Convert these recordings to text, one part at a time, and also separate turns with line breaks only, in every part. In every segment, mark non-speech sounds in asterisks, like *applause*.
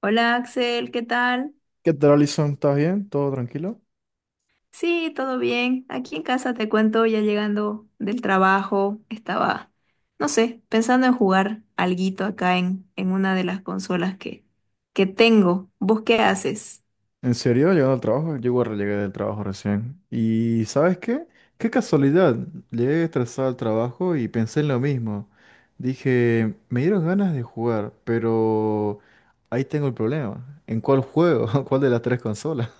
Hola Axel, ¿qué tal?
¿Qué tal, Alison? ¿Estás bien? ¿Todo tranquilo?
Sí, todo bien. Aquí en casa te cuento, ya llegando del trabajo, estaba, no sé, pensando en jugar alguito acá en una de las consolas que tengo. ¿Vos qué haces?
¿En serio? Llegando al trabajo. Yo igual llegué del trabajo recién. ¿Y sabes qué? Qué casualidad. Llegué estresado al trabajo y pensé en lo mismo. Dije, me dieron ganas de jugar, pero ahí tengo el problema. ¿En cuál juego? *laughs* ¿Cuál de las tres consolas?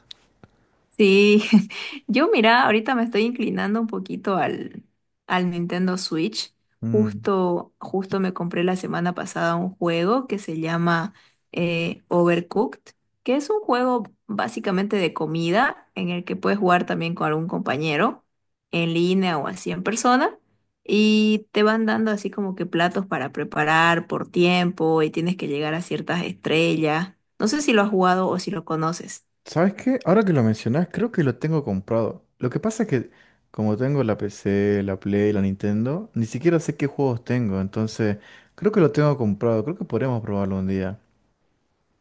Sí, *laughs* yo mira, ahorita me estoy inclinando un poquito al Nintendo Switch.
Mm.
Justo me compré la semana pasada un juego que se llama Overcooked, que es un juego básicamente de comida en el que puedes jugar también con algún compañero en línea o así en persona. Y te van dando así como que platos para preparar por tiempo y tienes que llegar a ciertas estrellas. No sé si lo has jugado o si lo conoces.
¿Sabes qué? Ahora que lo mencionás, creo que lo tengo comprado. Lo que pasa es que como tengo la PC, la Play, la Nintendo, ni siquiera sé qué juegos tengo, entonces creo que lo tengo comprado, creo que podremos probarlo un día.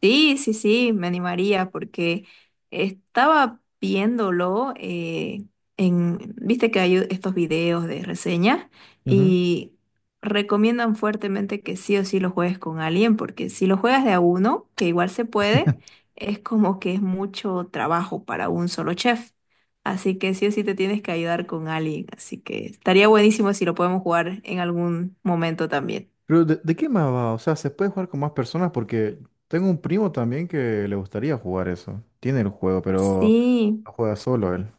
Sí, me animaría porque estaba viéndolo en, viste que hay estos videos de reseñas
Ujú.
y recomiendan fuertemente que sí o sí lo juegues con alguien porque si lo juegas de a uno, que igual se puede, es como que es mucho trabajo para un solo chef. Así que sí o sí te tienes que ayudar con alguien. Así que estaría buenísimo si lo podemos jugar en algún momento también.
Pero ¿de qué más va? O sea, ¿se puede jugar con más personas? Porque tengo un primo también que le gustaría jugar eso. Tiene el juego, pero
Sí.
lo juega solo él.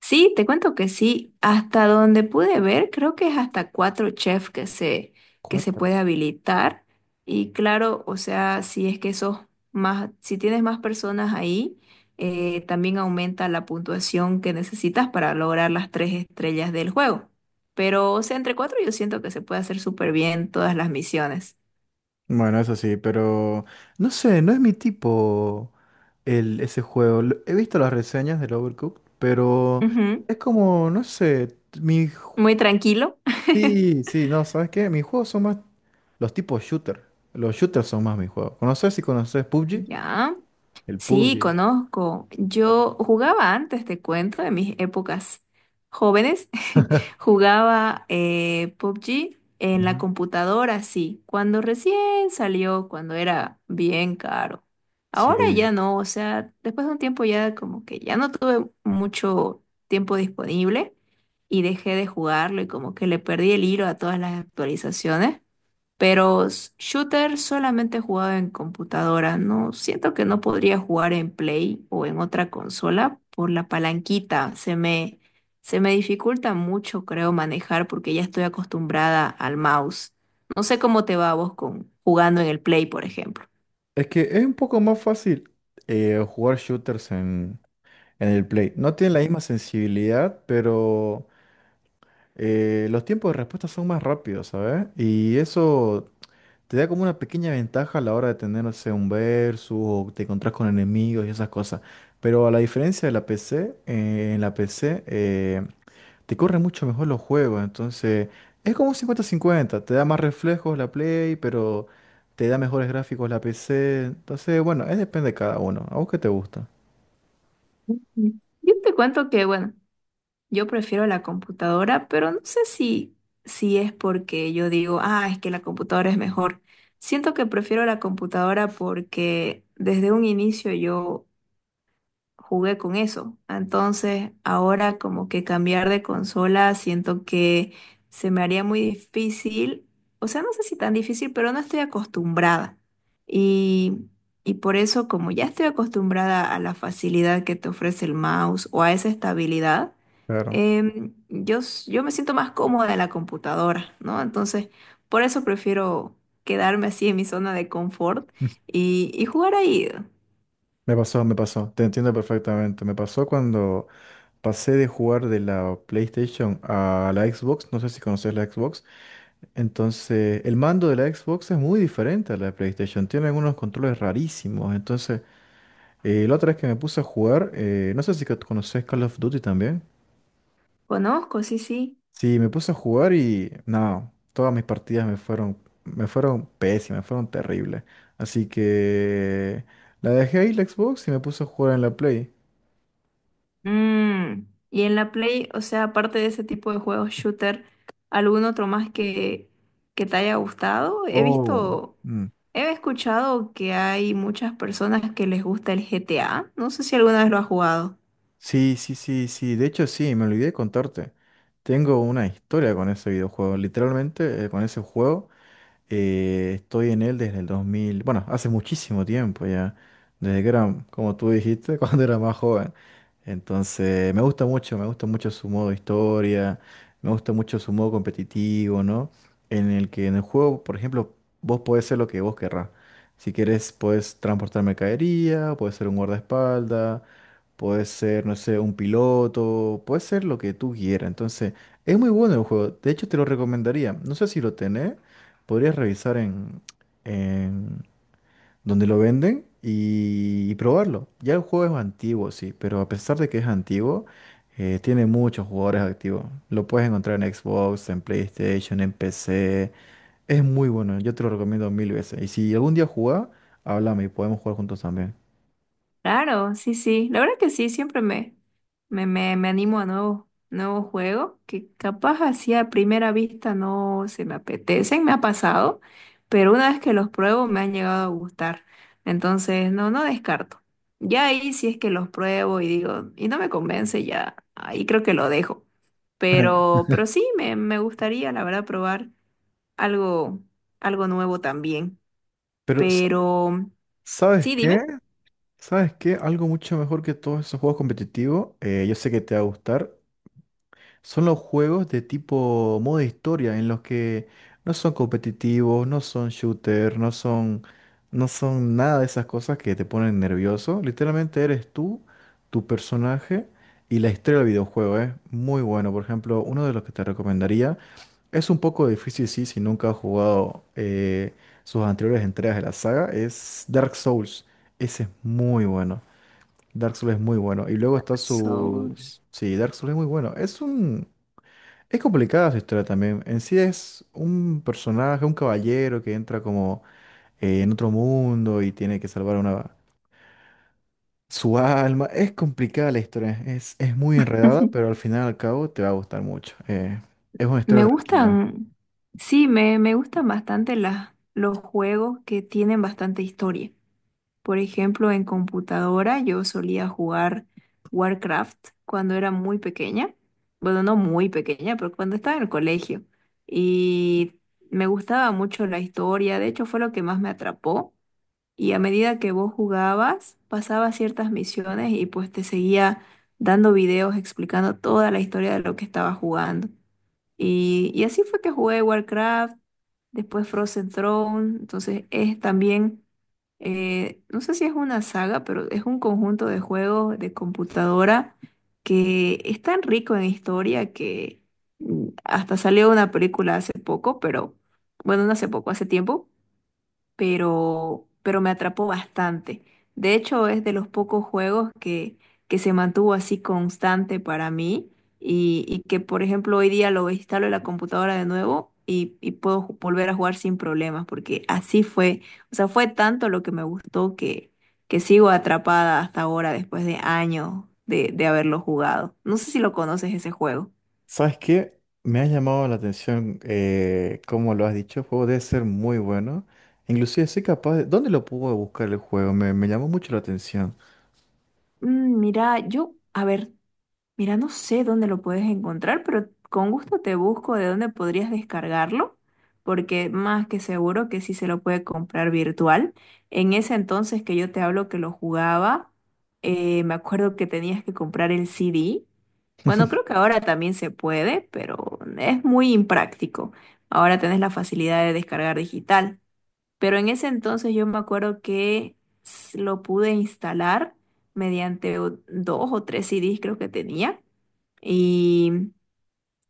Sí, te cuento que sí. Hasta donde pude ver, creo que es hasta cuatro chefs que se puede
Cuatro.
habilitar. Y claro, o sea, si es que sos más, si tienes más personas ahí, también aumenta la puntuación que necesitas para lograr las tres estrellas del juego. Pero, o sea, entre cuatro yo siento que se puede hacer súper bien todas las misiones.
Bueno, eso sí, pero no sé, no es mi tipo. El, ese juego. He visto las reseñas del Overcooked, pero
Ujú.
es como, no sé,
Muy tranquilo. *laughs*
Sí, sí, no, ¿sabes qué? Mis juegos son más los tipos shooter. Los shooters son más mis juegos. ¿Conoces si conoces PUBG?
Ya.
El
Sí,
PUBG.
conozco.
Claro.
Yo jugaba antes, te cuento, en mis épocas jóvenes. *laughs* Jugaba PUBG en la
Ujú.
computadora, sí, cuando recién salió, cuando era bien caro. Ahora
Sí.
ya no, o sea, después de un tiempo ya como que ya no tuve mucho tiempo disponible y dejé de jugarlo y como que le perdí el hilo a todas las actualizaciones. Pero shooter solamente he jugado en computadora, no siento que no podría jugar en Play o en otra consola por la palanquita. Se me dificulta mucho, creo, manejar porque ya estoy acostumbrada al mouse. No sé cómo te va a vos con jugando en el Play, por ejemplo.
Es que es un poco más fácil jugar shooters en el Play. No tiene la misma sensibilidad, pero los tiempos de respuesta son más rápidos, ¿sabes? Y eso te da como una pequeña ventaja a la hora de tener, no sé, un versus o te encontrás con enemigos y esas cosas. Pero a la diferencia de la PC, en la PC te corre mucho mejor los juegos. Entonces es como un cincuenta cincuenta. Te da más reflejos la Play, pero te da mejores gráficos la PC. Entonces, bueno, es depende de cada uno. ¿A vos qué te gusta?
Ujú. Yo te cuento que, bueno, yo prefiero la computadora, pero no sé si es porque yo digo, ah, es que la computadora es mejor. Siento que prefiero la computadora porque desde un inicio yo jugué con eso. Entonces, ahora como que cambiar de consola, siento que se me haría muy difícil, o sea, no sé si tan difícil, pero no estoy acostumbrada. Y, y por eso, como ya estoy acostumbrada a la facilidad que te ofrece el mouse o a esa estabilidad,
Claro.
yo me siento más cómoda en la computadora, ¿no? Entonces, por eso prefiero quedarme así en mi zona de confort y jugar ahí.
Me pasó. Te entiendo perfectamente. Me pasó cuando pasé de jugar de la PlayStation a la Xbox. No sé si conoces la Xbox. Entonces, el mando de la Xbox es muy diferente a la de PlayStation. Tiene algunos controles rarísimos. Entonces, la otra vez que me puse a jugar, no sé si que conoces Call of Duty también.
Conozco, sí, sí.
Sí, me puse a jugar y no, todas mis partidas me fueron pésimas, fueron terribles. Así que la dejé ahí la Xbox y me puse a jugar en la Play.
Mm. Y en la Play, o sea, aparte de ese tipo de juegos shooter, ¿algún otro más que te haya gustado? He
Oh.
visto,
Mm.
he escuchado que hay muchas personas que les gusta el GTA. No sé si alguna vez lo has jugado.
Sí, sí, sí, sí. De hecho, sí, me olvidé de contarte. Tengo una historia con ese videojuego. Literalmente, con ese juego. Estoy en él desde el 2000, bueno, hace muchísimo tiempo ya, desde que era, como tú dijiste, *laughs* cuando era más joven. Entonces, me gusta mucho su modo historia, me gusta mucho su modo competitivo, ¿no? En el juego, por ejemplo, vos podés ser lo que vos querrás. Si querés, puedes transportar mercadería, puedes ser un guardaespaldas, puedes ser, no sé, un piloto, puedes ser lo que tú quieras. Entonces, es muy bueno el juego. De hecho, te lo recomendaría. No sé si lo tenés, podrías revisar en donde lo venden y probarlo. Ya el juego es antiguo, sí, pero a pesar de que es antiguo, tiene muchos jugadores activos. Lo puedes encontrar en Xbox, en PlayStation, en PC. Es muy bueno, yo te lo recomiendo mil veces. Y si algún día jugás, háblame y podemos jugar juntos también.
Claro, sí, sí. La verdad que sí, siempre me animo a nuevos juegos que capaz así a primera vista no se me apetecen, me ha pasado, pero una vez que los pruebo me han llegado a gustar. Entonces, no descarto. Ya ahí si es que los pruebo y digo, y no me convence, ya ahí creo que lo dejo.
Ajá.
Pero sí, me gustaría, la verdad, probar algo, algo nuevo también.
Pero, sa-
Pero,
¿Sabes
sí,
qué?
dime.
¿Sabes qué? Algo mucho mejor que todos esos juegos competitivos, yo sé que te va a gustar. Son los juegos de tipo modo historia en los que no son competitivos, no son shooter, no son nada de esas cosas que te ponen nervioso. Literalmente eres tú, tu personaje y la historia del videojuego es muy bueno. Por ejemplo, uno de los que te recomendaría es un poco difícil, sí, si nunca has jugado sus anteriores entregas de la saga, es Dark Souls. Ese es muy bueno. Dark Souls es muy bueno. Y luego está su...
Souls.
Sí, Dark Souls es muy bueno. Es un... Es complicada su historia también. En sí es un personaje, un caballero que entra como en otro mundo y tiene que salvar una, su alma. Es complicada la historia, es muy enredada, pero
*laughs*
al final al cabo te va a gustar mucho. Es una
Me
historia tranquila.
gustan, sí, me gustan bastante los juegos que tienen bastante historia. Por ejemplo, en computadora yo solía jugar Warcraft cuando era muy pequeña. Bueno, no muy pequeña, pero cuando estaba en el colegio. Y me gustaba mucho la historia, de hecho fue lo que más me atrapó. Y a medida que vos jugabas, pasabas ciertas misiones y pues te seguía dando videos explicando toda la historia de lo que estabas jugando. Y así fue que jugué Warcraft, después Frozen Throne, entonces es también, no sé si es una saga, pero es un conjunto de juegos de computadora que es tan rico en historia que hasta salió una película hace poco, pero bueno, no hace poco, hace tiempo pero me atrapó bastante. De hecho, es de los pocos juegos que se mantuvo así constante para mí y que, por ejemplo, hoy día lo instalo en la computadora de nuevo y puedo volver a jugar sin problemas, porque así fue, o sea, fue tanto lo que me gustó que sigo atrapada hasta ahora, después de años de haberlo jugado. No sé si lo conoces ese juego.
¿Sabes qué? Me ha llamado la atención, como lo has dicho, el juego debe ser muy bueno. Inclusive soy capaz de... ¿Dónde lo puedo buscar el juego? Me llamó mucho la atención.
Mm, mira, yo, a ver. Mira, no sé dónde lo puedes encontrar, pero con gusto te busco de dónde podrías descargarlo, porque más que seguro que sí se lo puede comprar virtual. En ese entonces que yo te hablo que lo jugaba, me acuerdo que tenías que comprar el CD. Bueno, creo
*laughs*
que ahora también se puede, pero es muy impráctico. Ahora tenés la facilidad de descargar digital. Pero en ese entonces yo me acuerdo que lo pude instalar mediante dos o tres CDs creo que tenía. Y,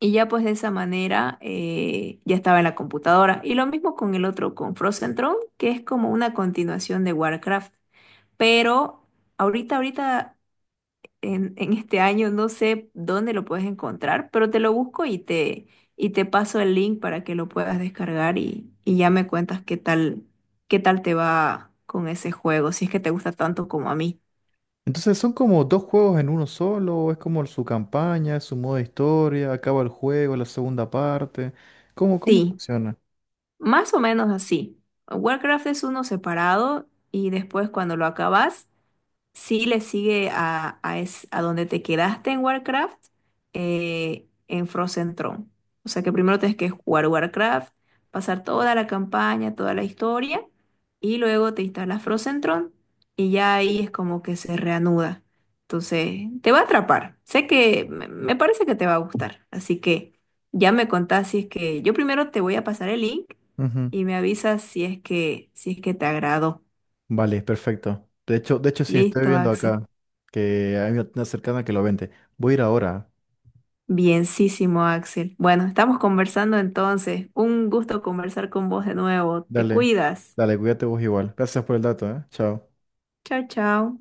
y ya pues de esa manera ya estaba en la computadora. Y lo mismo con el otro, con Frozen Throne, que es como una continuación de Warcraft. Pero ahorita, en este año, no sé dónde lo puedes encontrar, pero te lo busco y te paso el link para que lo puedas descargar y ya me cuentas qué tal te va con ese juego, si es que te gusta tanto como a mí.
Entonces son como dos juegos en uno solo, es como su campaña, es su modo de historia, acaba el juego, la segunda parte. ¿Cómo
Sí.
funciona?
Más o menos así. Warcraft es uno separado y después cuando lo acabas, sí le sigue a donde te quedaste en Warcraft, en Frozen Throne. O sea que primero tienes que jugar Warcraft, pasar toda la campaña, toda la historia, y luego te instalas Frozen Throne, y ya ahí es como que se reanuda. Entonces, te va a atrapar. Sé que me parece que te va a gustar. Así que ya me contás si es que yo primero te voy a pasar el link
Ujú.
y me avisas si es que, si es que te agradó.
Vale, perfecto. De hecho sí, estoy
Listo,
viendo
Axel.
acá que hay una tienda cercana que lo vende. Voy a ir ahora.
Bienísimo, Axel. Bueno, estamos conversando entonces. Un gusto conversar con vos de nuevo. Te
Dale,
cuidas.
dale, cuídate vos igual. Gracias por el dato, ¿eh? Chao.
Chao, chao.